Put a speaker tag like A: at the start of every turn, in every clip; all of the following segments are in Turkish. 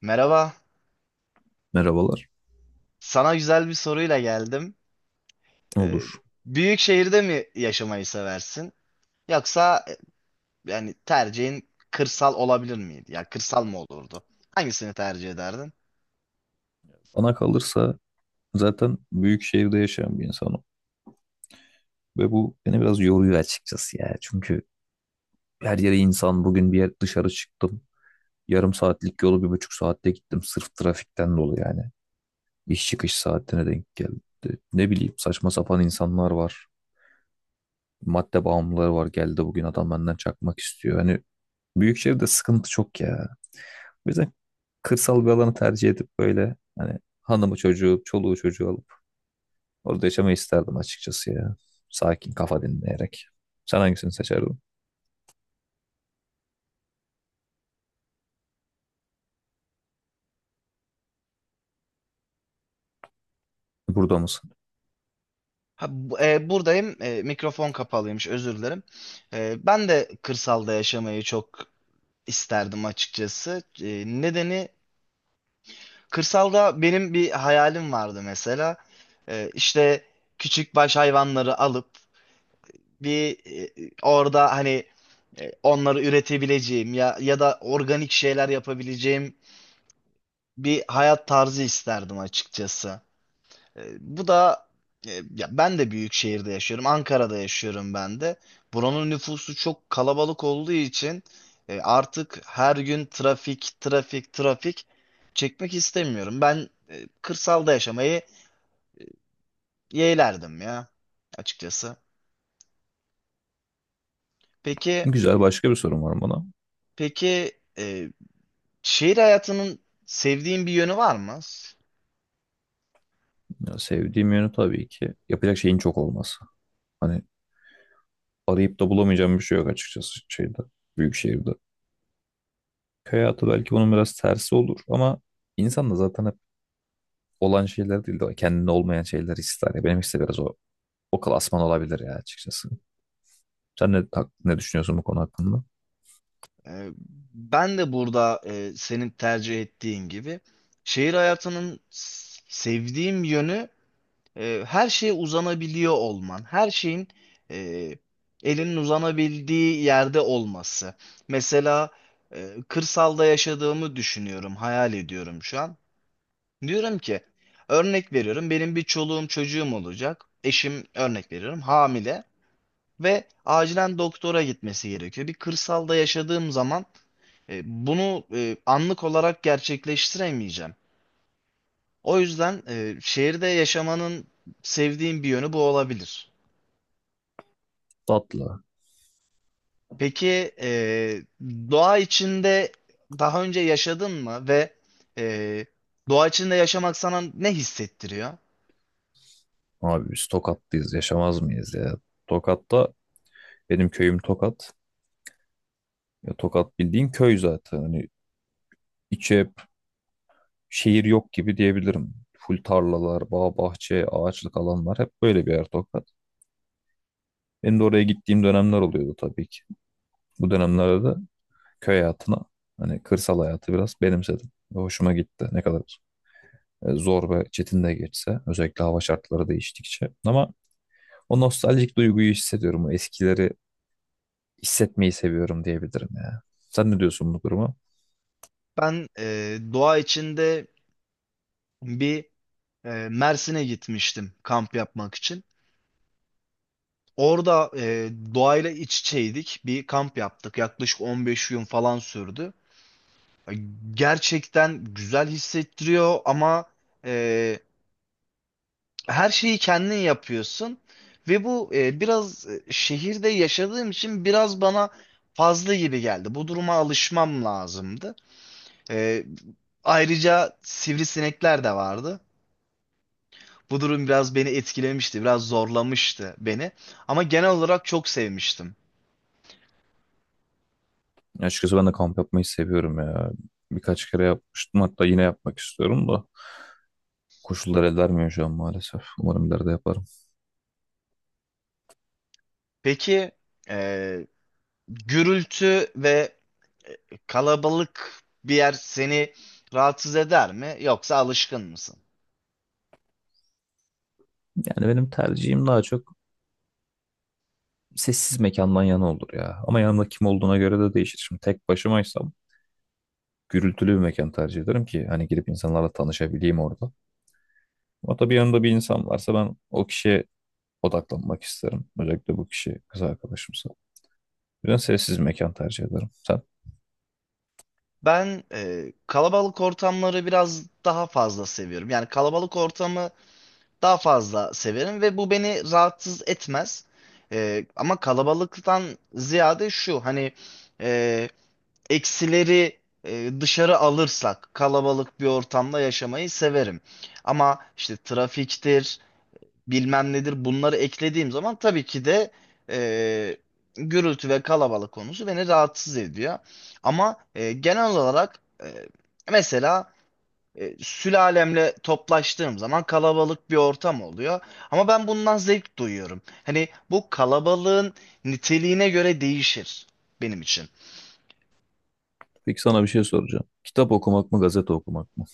A: Merhaba.
B: Merhabalar.
A: Sana güzel bir soruyla geldim. Ee,
B: Olur.
A: Büyük şehirde mi yaşamayı seversin? Yoksa yani tercihin kırsal olabilir miydi? Ya kırsal mı olurdu? Hangisini tercih ederdin?
B: Bana kalırsa zaten büyük şehirde yaşayan bir insanım. Ve bu beni biraz yoruyor açıkçası ya. Çünkü her yere insan bugün bir yer dışarı çıktım. Yarım saatlik yolu bir buçuk saatte gittim. Sırf trafikten dolayı yani. İş çıkış saatine denk geldi. Ne bileyim saçma sapan insanlar var. Madde bağımlıları var. Geldi bugün adam benden çakmak istiyor. Hani büyük şehirde sıkıntı çok ya. O yüzden kırsal bir alanı tercih edip böyle hani hanımı çocuğu, çoluğu çocuğu alıp orada yaşamayı isterdim açıkçası ya. Sakin kafa dinleyerek. Sen hangisini seçerdin? Burada mısın?
A: Ha, buradayım. Mikrofon kapalıymış. Özür dilerim. Ben de kırsalda yaşamayı çok isterdim açıkçası. Nedeni, kırsalda benim bir hayalim vardı mesela. İşte küçük baş hayvanları alıp bir orada hani onları üretebileceğim ya da organik şeyler yapabileceğim bir hayat tarzı isterdim açıkçası. Bu da ya ben de büyük şehirde yaşıyorum. Ankara'da yaşıyorum ben de. Buranın nüfusu çok kalabalık olduğu için artık her gün trafik, trafik, trafik çekmek istemiyorum. Ben kırsalda yaşamayı yeğlerdim ya açıkçası. Peki,
B: Güzel başka bir sorun var bana.
A: peki e, şehir hayatının sevdiğin bir yönü var mı?
B: Ya sevdiğim yönü tabii ki yapacak şeyin çok olması. Hani arayıp da bulamayacağım bir şey yok açıkçası şeyde, büyük şehirde. Köy hayatı belki bunun biraz tersi olur ama insan da zaten hep olan şeyler değil de kendine olmayan şeyler ister. Ya benim işte biraz o klasman olabilir ya açıkçası. Sen ne ne düşünüyorsun bu konu hakkında?
A: Ee, Ben de burada senin tercih ettiğin gibi şehir hayatının sevdiğim yönü, her şeye uzanabiliyor olman, her şeyin e, elinin uzanabildiği yerde olması. Mesela kırsalda yaşadığımı düşünüyorum, hayal ediyorum şu an. Diyorum ki, örnek veriyorum, benim bir çoluğum çocuğum olacak. Eşim, örnek veriyorum, hamile ve acilen doktora gitmesi gerekiyor. Bir kırsalda yaşadığım zaman bunu anlık olarak gerçekleştiremeyeceğim. O yüzden şehirde yaşamanın sevdiğim bir yönü bu olabilir.
B: Tatlı.
A: Peki doğa içinde daha önce yaşadın mı ve e, doğa içinde yaşamak sana ne hissettiriyor?
B: Abi biz Tokat'tayız yaşamaz mıyız ya? Tokat'ta. Benim köyüm Tokat. Ya Tokat bildiğin köy zaten. Hani içi hep şehir yok gibi diyebilirim. Full tarlalar, bağ bahçe, ağaçlık alanlar hep böyle bir yer Tokat. Benim de oraya gittiğim dönemler oluyordu tabii ki. Bu dönemlerde de köy hayatına hani kırsal hayatı biraz benimsedim. Ve hoşuma gitti. Ne kadar zor ve çetin de geçse özellikle hava şartları değiştikçe. Ama o nostaljik duyguyu hissediyorum. O eskileri hissetmeyi seviyorum diyebilirim ya. Sen ne diyorsun bu duruma?
A: Ben doğa içinde bir Mersin'e gitmiştim kamp yapmak için. Orada doğayla iç içeydik. Bir kamp yaptık. Yaklaşık 15 gün falan sürdü. Gerçekten güzel hissettiriyor ama e, her şeyi kendin yapıyorsun. Ve bu biraz şehirde yaşadığım için biraz bana fazla gibi geldi. Bu duruma alışmam lazımdı. E, Ayrıca sivrisinekler de vardı. Bu durum biraz beni etkilemişti, biraz zorlamıştı beni. Ama genel olarak çok sevmiştim.
B: Açıkçası ben de kamp yapmayı seviyorum ya. Birkaç kere yapmıştım hatta yine yapmak istiyorum da koşullar el vermiyor şu an maalesef. Umarım ileride yaparım.
A: Peki, Ee, gürültü ve e, kalabalık bir yer seni rahatsız eder mi yoksa alışkın mısın?
B: Yani benim tercihim daha çok sessiz mekandan yana olur ya. Ama yanımda kim olduğuna göre de değişir. Şimdi tek başımaysam gürültülü bir mekan tercih ederim ki hani girip insanlarla tanışabileyim orada. Ama tabii yanımda bir insan varsa ben o kişiye odaklanmak isterim. Özellikle bu kişi kız arkadaşımsa. O yüzden sessiz mekan tercih ederim. Sen?
A: Ben kalabalık ortamları biraz daha fazla seviyorum. Yani kalabalık ortamı daha fazla severim ve bu beni rahatsız etmez. Ama kalabalıktan ziyade şu hani e, eksileri dışarı alırsak kalabalık bir ortamda yaşamayı severim. Ama işte trafiktir, bilmem nedir bunları eklediğim zaman tabii ki de e, gürültü ve kalabalık konusu beni rahatsız ediyor. Ama genel olarak mesela sülalemle toplaştığım zaman kalabalık bir ortam oluyor. Ama ben bundan zevk duyuyorum. Hani bu kalabalığın niteliğine göre değişir benim için.
B: Peki sana bir şey soracağım. Kitap okumak mı, gazete okumak mı?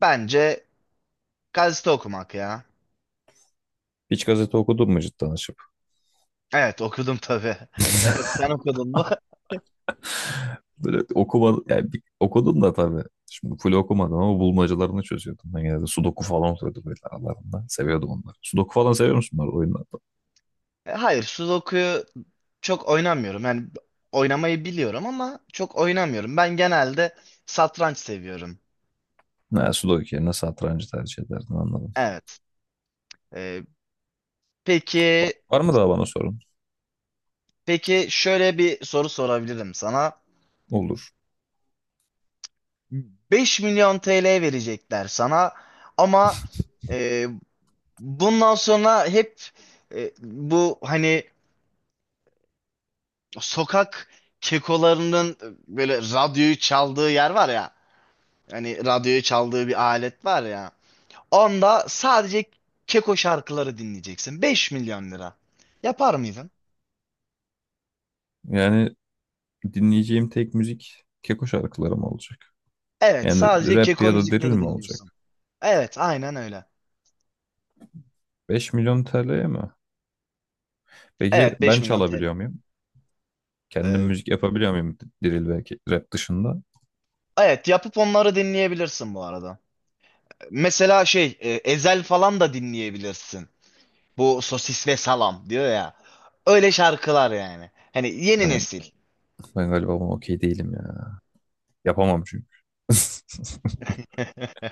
A: Bence gazete okumak ya.
B: Hiç gazete okudun mu cidden açıp?
A: Evet, okudum tabii. Evet, sen okudun mu?
B: Böyle okuma, yani okudum da tabii. Şimdi full okumadım ama bulmacalarını çözüyordum. Ben genelde sudoku falan oluyordu böyle aralarında. Seviyordum onları. Sudoku falan seviyor musun bunlar oyunlarda?
A: Hayır, sudoku çok oynamıyorum. Yani oynamayı biliyorum ama çok oynamıyorum. Ben genelde satranç seviyorum.
B: Ne, sudoku yerine satrancı tercih ederdim, anladım.
A: Evet. Ee, peki
B: Var mı daha bana sorun?
A: peki, şöyle bir soru sorabilirim sana.
B: Olur.
A: 5 milyon TL verecekler sana ama e, bundan sonra hep bu hani sokak kekolarının böyle radyoyu çaldığı yer var ya. Hani radyoyu çaldığı bir alet var ya. Onda sadece Keko şarkıları dinleyeceksin. 5 milyon lira. Yapar mıydın?
B: Yani dinleyeceğim tek müzik Keko şarkıları mı olacak?
A: Evet,
B: Yani
A: sadece
B: rap
A: Keko
B: ya da drill
A: müzikleri
B: mi
A: dinliyorsun.
B: olacak?
A: Evet, aynen öyle.
B: 5 milyon TL'ye mi? Peki
A: Evet, beş
B: ben
A: milyon
B: çalabiliyor
A: TL.
B: muyum? Kendim
A: Ee,
B: müzik yapabiliyor muyum drill ve rap dışında?
A: evet, yapıp onları dinleyebilirsin bu arada. Mesela şey, Ezel falan da dinleyebilirsin. Bu sosis ve salam diyor ya. Öyle şarkılar yani. Hani yeni
B: Ya ben,
A: nesil.
B: ben galiba buna okey değilim ya. Yapamam çünkü.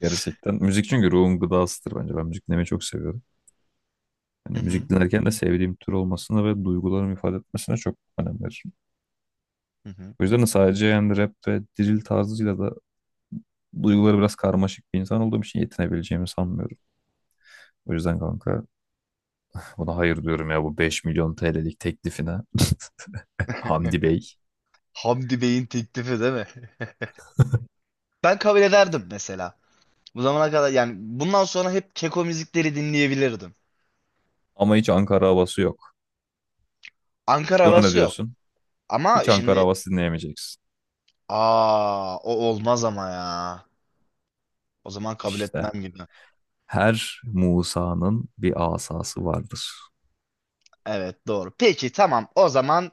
B: Gerçekten. Müzik çünkü ruhun gıdasıdır bence. Ben müzik dinlemeyi çok seviyorum.
A: Hı
B: Hani
A: hı,
B: müzik dinlerken de sevdiğim tür olmasına ve duygularımı ifade etmesine çok önem veririm.
A: hı hı.
B: O yüzden de sadece yani rap ve drill tarzıyla da duyguları biraz karmaşık bir insan olduğum için yetinebileceğimi sanmıyorum. O yüzden kanka buna hayır diyorum ya, bu 5 milyon TL'lik teklifine. Hamdi Bey.
A: Hamdi Bey'in teklifi değil mi? Ben kabul ederdim mesela. Bu zamana kadar yani bundan sonra hep keko müzikleri dinleyebilirdim.
B: Ama hiç Ankara havası yok.
A: Ankara
B: Buna ne
A: havası yok.
B: diyorsun? Hiç
A: Ama
B: Ankara
A: şimdi
B: havası dinleyemeyeceksin.
A: o olmaz ama ya. O zaman kabul
B: İşte
A: etmem gibi.
B: her Musa'nın bir asası vardır.
A: Evet, doğru. Peki tamam, o zaman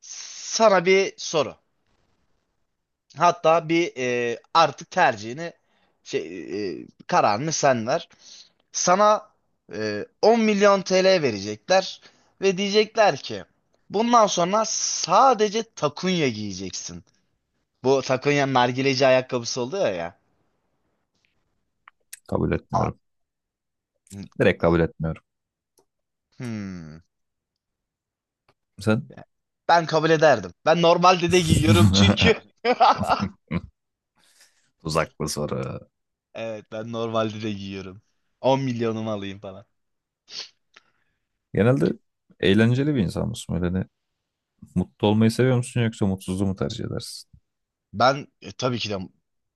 A: sana bir soru. Hatta artık tercihini şey, kararını sen ver. Sana 10 milyon TL verecekler ve diyecekler ki bundan sonra sadece takunya giyeceksin. Bu Sakonya'nın nargileci ayakkabısı oluyor ya.
B: Kabul etmiyorum. Direkt
A: A-
B: kabul etmiyorum.
A: Hmm.
B: Sen?
A: Ben kabul ederdim. Ben normalde de giyiyorum çünkü.
B: Tuzaklı soru.
A: Evet, ben normalde de giyiyorum. 10 milyonumu alayım falan.
B: Genelde eğlenceli bir insan mısın? Böyle hani mutlu olmayı seviyor musun yoksa mutsuzluğu mu tercih edersin?
A: Ben e, tabii ki de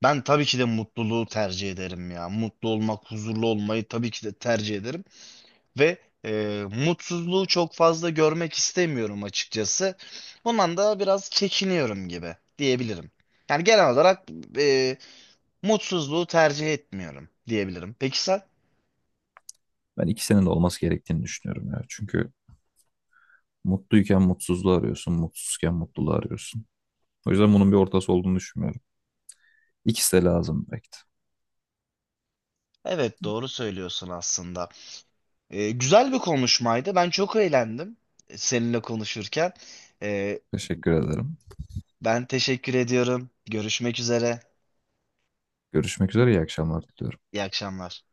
A: Ben tabii ki de mutluluğu tercih ederim ya. Mutlu olmak, huzurlu olmayı tabii ki de tercih ederim ve mutsuzluğu çok fazla görmek istemiyorum açıkçası. Bundan da biraz çekiniyorum gibi diyebilirim. Yani genel olarak e, mutsuzluğu tercih etmiyorum diyebilirim. Peki sen?
B: Ben ikisinin de olması gerektiğini düşünüyorum ya. Çünkü mutluyken mutsuzluğu arıyorsun, mutsuzken mutluluğu arıyorsun. O yüzden bunun bir ortası olduğunu düşünmüyorum. İkisi de lazım belki de.
A: Evet, doğru söylüyorsun aslında. Güzel bir konuşmaydı. Ben çok eğlendim seninle konuşurken. Ee,
B: Teşekkür ederim.
A: Ben teşekkür ediyorum. Görüşmek üzere.
B: Görüşmek üzere, iyi akşamlar diliyorum.
A: İyi akşamlar.